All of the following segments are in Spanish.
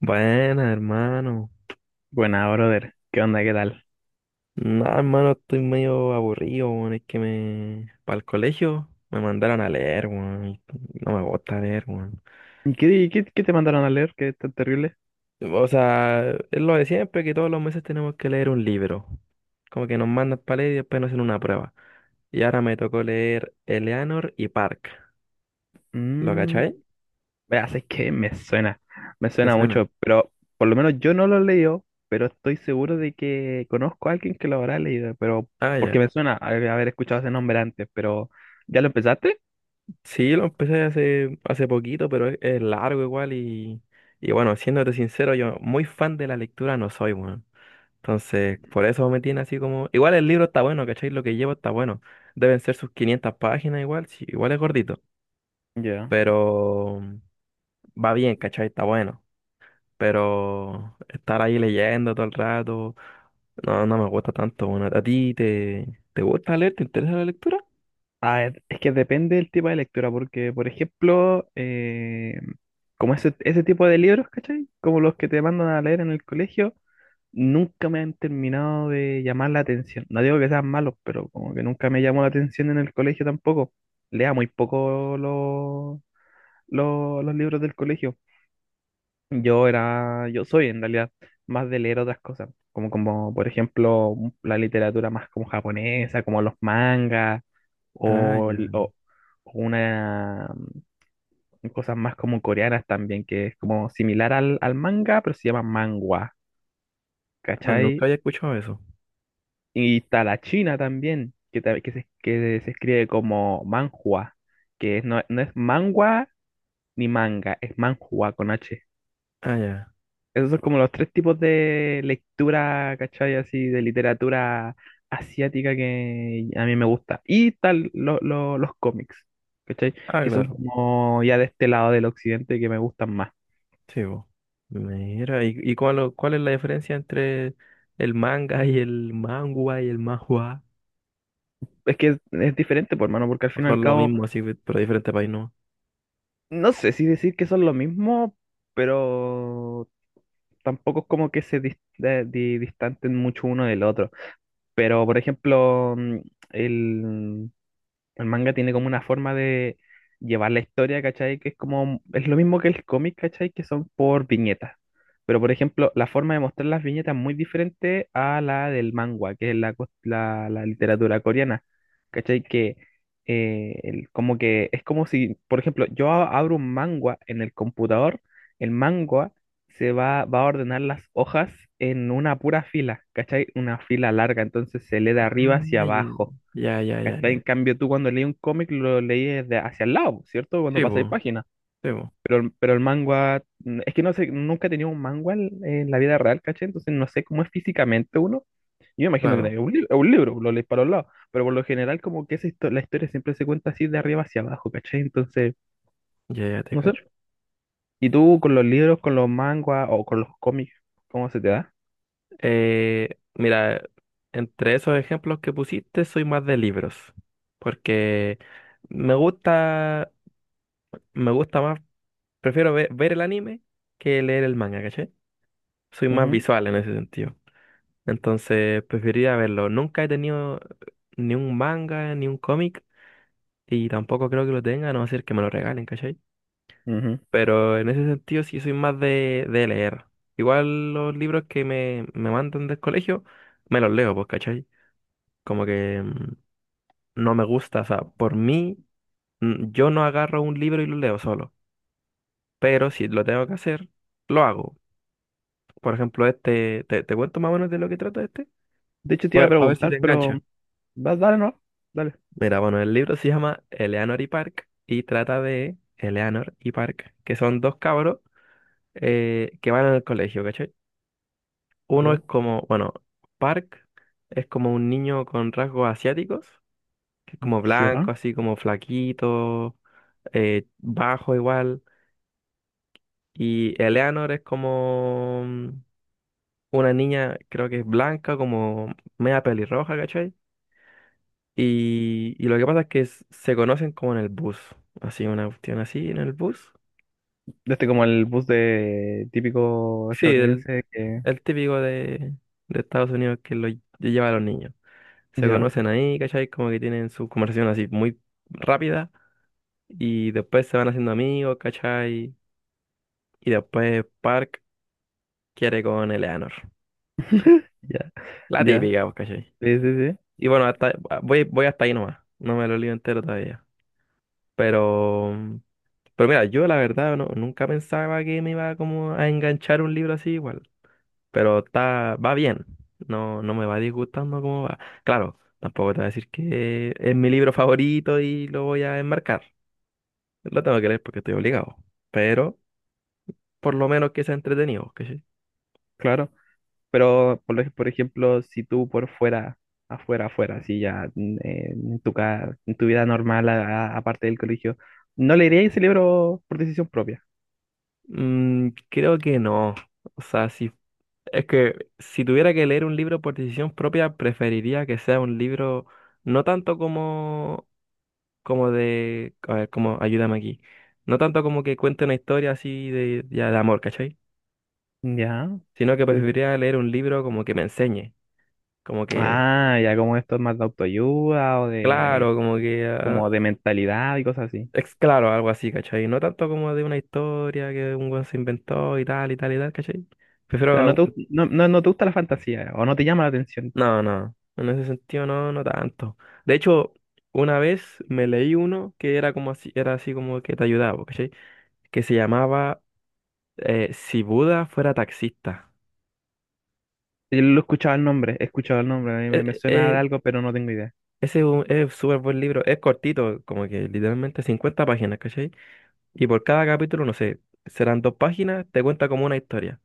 Buena, hermano. Buena, brother. ¿Qué onda? ¿Qué tal? No, hermano, estoy medio aburrido, weón. Para el colegio me mandaron a leer, weón, y no me gusta leer, weón. Qué te mandaron a leer? ¿Qué tan terrible? O sea, es lo de siempre, que todos los meses tenemos que leer un libro. Como que nos mandan para leer y después nos hacen una prueba. Y ahora me tocó leer Eleanor y Park. ¿Lo Mmm, cachai? veas, es que me ¿Te suena suena? mucho, pero por lo menos yo no lo leo, pero estoy seguro de que conozco a alguien que lo habrá leído, pero Ah, ya. porque me suena haber escuchado ese nombre antes, pero ¿ya lo empezaste? Sí, lo empecé hace poquito, pero es largo igual. Y... Y bueno, siéndote sincero, yo muy fan de la lectura no soy, weón. Entonces, por eso me tiene así como... Igual el libro está bueno, ¿cachai? Lo que llevo está bueno. Deben ser sus 500 páginas igual, sí, igual es gordito. Ya. Pero va bien, ¿cachai? Está bueno. Pero estar ahí leyendo todo el rato, no, no me gusta tanto. Bueno, ¿a ti te gusta leer? ¿Te interesa la lectura? Ah, es que depende del tipo de lectura, porque, por ejemplo, como ese tipo de libros, ¿cachai? Como los que te mandan a leer en el colegio, nunca me han terminado de llamar la atención. No digo que sean malos, pero como que nunca me llamó la atención en el colegio tampoco. Lea muy poco los libros del colegio. Yo soy en realidad más de leer otras cosas, como, como por ejemplo la literatura más como japonesa, como los mangas, Ah, o, el- ya. o- o una cosas más como coreanas también, que es como similar al manga, pero se llama manhwa, Ah, ¿cachai? nunca había escuchado eso. Y está la china también, que se escribe como manhua, que no es manhwa ni manga, es manhua con H. Ah, ya. Esos son como los tres tipos de lectura, ¿cachai? Así de literatura asiática que a mí me gusta. Y tal los cómics, ¿cachai? Ah, Que son claro. como ya de este lado del occidente que me gustan más. Sí, vos. Mira, ¿y cuál es la diferencia entre el manga y el mangua y el manhua? Es que es diferente, por hermano, porque al fin y al ¿Son lo cabo, mismo, así, pero diferente país, no? no sé si decir que son lo mismo, pero tampoco es como que se distanten mucho uno del otro. Pero, por ejemplo, el, el manga tiene como una forma de llevar la historia, ¿cachai? Que es como, es lo mismo que el cómic, ¿cachai? Que son por viñetas. Pero, por ejemplo, la forma de mostrar las viñetas es muy diferente a la del manhwa, que es la literatura coreana, ¿cachai? Que como que es como si, por ejemplo, yo abro un manhwa en el computador, el manhwa va a ordenar las hojas en una pura fila, ¿cachai? Una fila larga, entonces se lee de Ah, arriba hacia abajo. ya, ya, ya, ¿Cachai? En ya. cambio, tú cuando leí un cómic lo leí desde hacia el lado, ¿cierto? Cuando Sí, pasáis pues, páginas. sí, po, Pero el manga, es que no sé, nunca he tenido un manga en la vida real, ¿cachai? Entonces no sé cómo es físicamente uno. Yo me imagino que claro. es un, es un libro, lo lees para los lados. Pero por lo general, como que esa la historia siempre se cuenta así de arriba hacia abajo, ¿cachai? Entonces, Ya, ya te no sé. cacho. ¿Y tú con los libros, con los mangas o con los cómics, cómo se te da? Mira, entre esos ejemplos que pusiste, soy más de libros. Porque me gusta, me gusta más, prefiero ver el anime que leer el manga, ¿cachai? Soy más visual en ese sentido. Entonces, preferiría verlo. Nunca he tenido ni un manga, ni un cómic, y tampoco creo que lo tenga, a no ser que me lo regalen, ¿cachai? Ujú, ujú. Pero en ese sentido sí soy más de leer. Igual los libros que me mandan del colegio, me los leo, pues, ¿cachai? Como que no me gusta, o sea, por mí, yo no agarro un libro y lo leo solo. Pero si lo tengo que hacer, lo hago. Por ejemplo, este, te cuento más o menos de lo que trata este. De hecho, te iba a Pues, a ver si te preguntar, pero engancha. Dale, no, dale. Mira, bueno, el libro se llama Eleanor y Park y trata de Eleanor y Park, que son dos cabros que van al colegio, ¿cachai? Uno es Ya. como, bueno, Park es como un niño con rasgos asiáticos, que es como Ya. blanco, así como flaquito, bajo igual. Y Eleanor es como una niña, creo que es blanca, como media pelirroja, ¿cachai? Y lo que pasa es que se conocen como en el bus, así, una cuestión así en el bus. De este como el bus de típico Sí, el, estadounidense que... el típico de Estados Unidos que lo lleva a los niños. Se Ya, conocen ahí, ¿cachai? Como que tienen su conversación así muy rápida y después se van haciendo amigos, ¿cachai? Y después Park quiere con Eleanor, ¿cachai? ya, La ya. típica, pues, ¿cachai? Sí, sí, sí, Y bueno, hasta, voy hasta ahí nomás, no me lo leo entero todavía. Pero, pero mira, yo la verdad no, nunca pensaba que me iba como a enganchar un libro así igual, pero está, va bien, no, no me va disgustando cómo va. Claro. Tampoco te voy a decir que es mi libro favorito y lo voy a enmarcar. Lo tengo que leer porque estoy obligado. Pero por lo menos que sea entretenido, ¿cachai? claro. Pero, por ejemplo, si tú por fuera, afuera, si ya en tu, en tu vida normal, aparte del colegio, ¿no le irías ese libro por decisión propia? Mm, creo que no. O sea, si, es que si tuviera que leer un libro por decisión propia, preferiría que sea un libro no tanto como, como de, a ver, como, ayúdame aquí. No tanto como que cuente una historia así de, ya de amor, ¿cachai? Ya. Sino que Te- preferiría leer un libro como que me enseñe. Como que, ah, ya como esto es más de autoayuda o de, claro, como que. como de mentalidad y cosas así. Es claro, algo así, ¿cachai? No tanto como de una historia que un weón se inventó y tal y tal y tal, ¿cachai? O Prefiero... sea, no te gusta la fantasía o no te llama la atención. No, no, en ese sentido no, no tanto. De hecho, una vez me leí uno que era como así, era así como que te ayudaba, ¿cachai? Que se llamaba Si Buda fuera taxista. Yo lo he escuchado el nombre, he escuchado el nombre, me- Eh, suena eh, de algo, pero no tengo idea. Ese es un es súper buen libro, es cortito, como que literalmente 50 páginas, ¿cachai? Y por cada capítulo, no sé, serán dos páginas, te cuenta como una historia.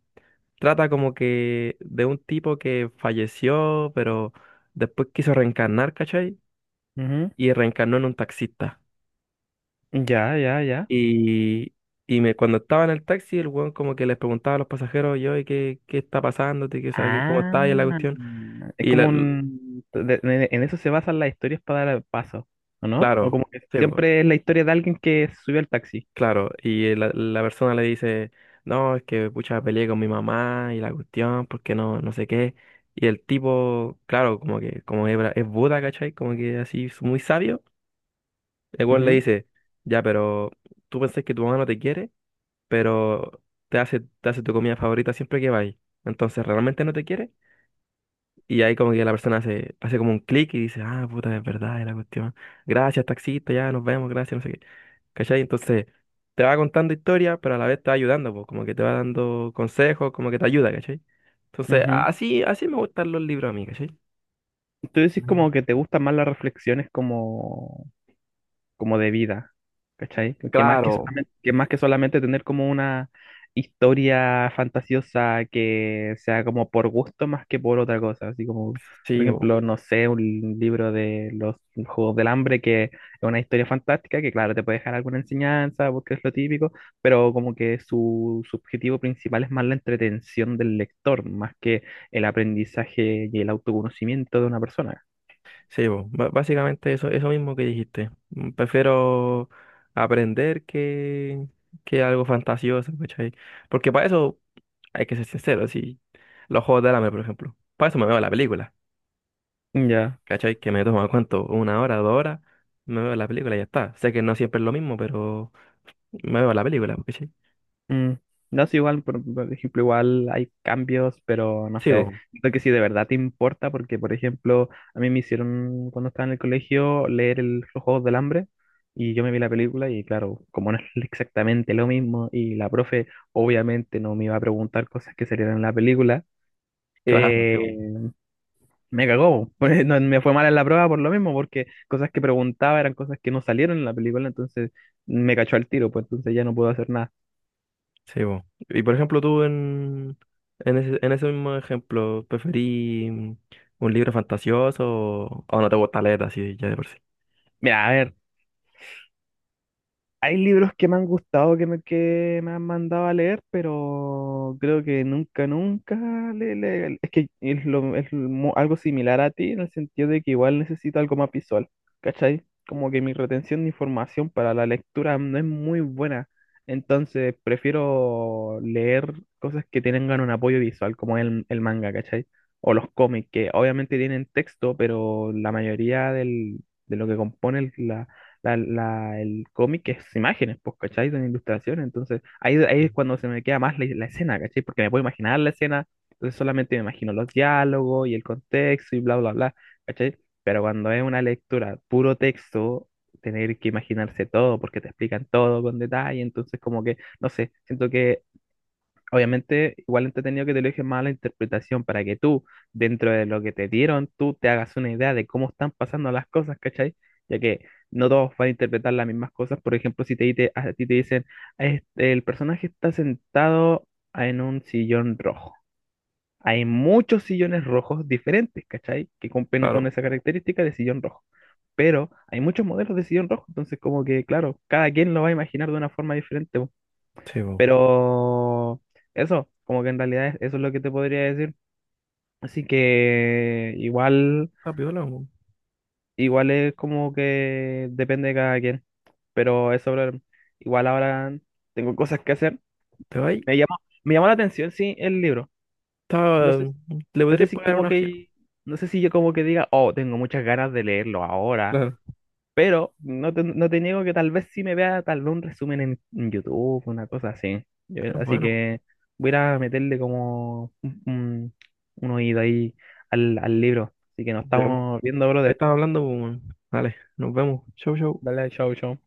Trata como que de un tipo que falleció, pero después quiso reencarnar, ¿cachai? Ujú. Y reencarnó en un taxista. Ya, ya, ya. Y, y cuando estaba en el taxi, el weón como que les preguntaba a los pasajeros, yo, ¿y qué está pasando? ¿Qué, o sea, qué- ¿Cómo está ahí Ah, la cuestión? es Y la- como l- un... en eso se basan las historias para dar el paso, ¿o no? O claro, como que sí, po, siempre es la historia de alguien que subió al taxi. claro. Y la persona le dice, no, es que pucha, peleé con mi mamá y la cuestión, porque no, no sé qué. Y el tipo, claro, como que como es, es Buda, ¿cachai? Como que así es muy sabio. El weón le Ujú, dice, ya, pero tú pensás que tu mamá no te quiere, pero te hace tu comida favorita siempre que vais. Entonces, ¿realmente no te quiere? Y ahí como que la persona hace como un clic y dice, ah, puta, es verdad, es la cuestión. Gracias, taxista, ya, nos vemos, gracias, no sé qué. ¿Cachai? Entonces, te va contando historia, pero a la vez te va ayudando, pues, como que te va dando consejos, como que te ayuda, ¿cachai? Entonces, ujú. así me gustan los libros a mí, ¿cachai? Tú decís Mm. como que te gustan más las reflexiones como como de vida, ¿cachai? Claro, Que más que solamente tener como una historia fantasiosa que sea como por gusto más que por otra cosa, así como, por sí, ejemplo, no sé, un libro de los Juegos del Hambre que es una historia fantástica que claro, te puede dejar alguna enseñanza porque es lo típico, pero como que su objetivo principal es más la entretención del lector, más que el aprendizaje y el autoconocimiento de una persona. sí, básicamente eso, mismo que dijiste. Prefiero aprender que algo fantasioso, ¿cachai? Porque para eso hay que ser sincero, si los juegos del hambre, por ejemplo. Para eso me veo la película, Ya. ¿cachai? Que me toma cuánto, 1 hora, 2 horas, me veo la película y ya está. Sé que no siempre es lo mismo, pero me veo la película, ¿cachai? Mm, No sé, igual, por ejemplo, igual hay cambios, pero no Sí, sé, siento que si de verdad te importa, porque, por ejemplo, a mí me hicieron cuando estaba en el colegio leer el, Los Juegos del Hambre y yo me vi la película y claro, como no es exactamente lo mismo y la profe obviamente no me iba a preguntar cosas que salieran en la película, claro, eh, me cagó, pues, no, me fue mal en la prueba por lo mismo, porque cosas que preguntaba eran cosas que no salieron en la película, entonces me cachó al tiro, pues entonces ya no puedo hacer nada. sí, po. Y por ejemplo, tú en ese mismo ejemplo, ¿preferí un libro fantasioso o no te gusta leer así ya de por sí? Mira, a ver. Hay libros que me han gustado, que me han mandado a leer, pero creo que nunca, nunca es que es, lo- es mo- algo similar a ti en el sentido de que igual necesito algo más visual, ¿cachai? Como que mi retención de información para la lectura no es muy buena, entonces prefiero leer cosas que tengan un apoyo visual, como el manga, ¿cachai? O los cómics, que obviamente tienen texto, pero la mayoría de lo que compone el cómic es imágenes, pues, ¿cachai? Son ilustraciones, entonces ahí, ahí es cuando se me queda más la escena, ¿cachai? Porque me puedo imaginar la escena, entonces solamente me imagino los diálogos y el contexto y bla, bla, bla, ¿cachai? Pero cuando es una lectura puro texto, tener que imaginarse todo, porque te explican todo con detalle, entonces como que, no sé, siento que obviamente, igual entretenido que te lo dejen más a la interpretación para que tú, dentro de lo que te dieron, tú te hagas una idea de cómo están pasando las cosas, ¿cachai? Ya que no todos van a interpretar las mismas cosas. Por ejemplo, si a ti te dicen, "Este, el personaje está sentado en un sillón rojo. Hay muchos sillones rojos diferentes, ¿cachai? Que cumplen con Claro, esa característica de sillón rojo. Pero hay muchos modelos de sillón rojo, entonces como que, claro, cada quien lo va a imaginar de una forma diferente. sí, po. Pero eso, como que en realidad eso es lo que te podría decir. Así que igual, Ah, piola, po. igual es como que depende de cada quien. Pero eso, bro, igual ahora tengo cosas que hacer. Te va ahí. Me llamó, me llamó la atención, sí, el libro. No Está- sé, Le no sé podrías si pagar como una ojeada. que, no sé si yo como que diga, oh, tengo muchas ganas de leerlo ahora. Claro. Pero no te niego que tal vez sí me vea tal vez un resumen en YouTube, una cosa así. Pero Así bueno, que voy a ir a meterle como un oído ahí al libro. Así que nos ya, po. estamos viendo, brother. Estaba hablando, po, weón. Dale, nos vemos. Chau, chau. Dale, chau, chau.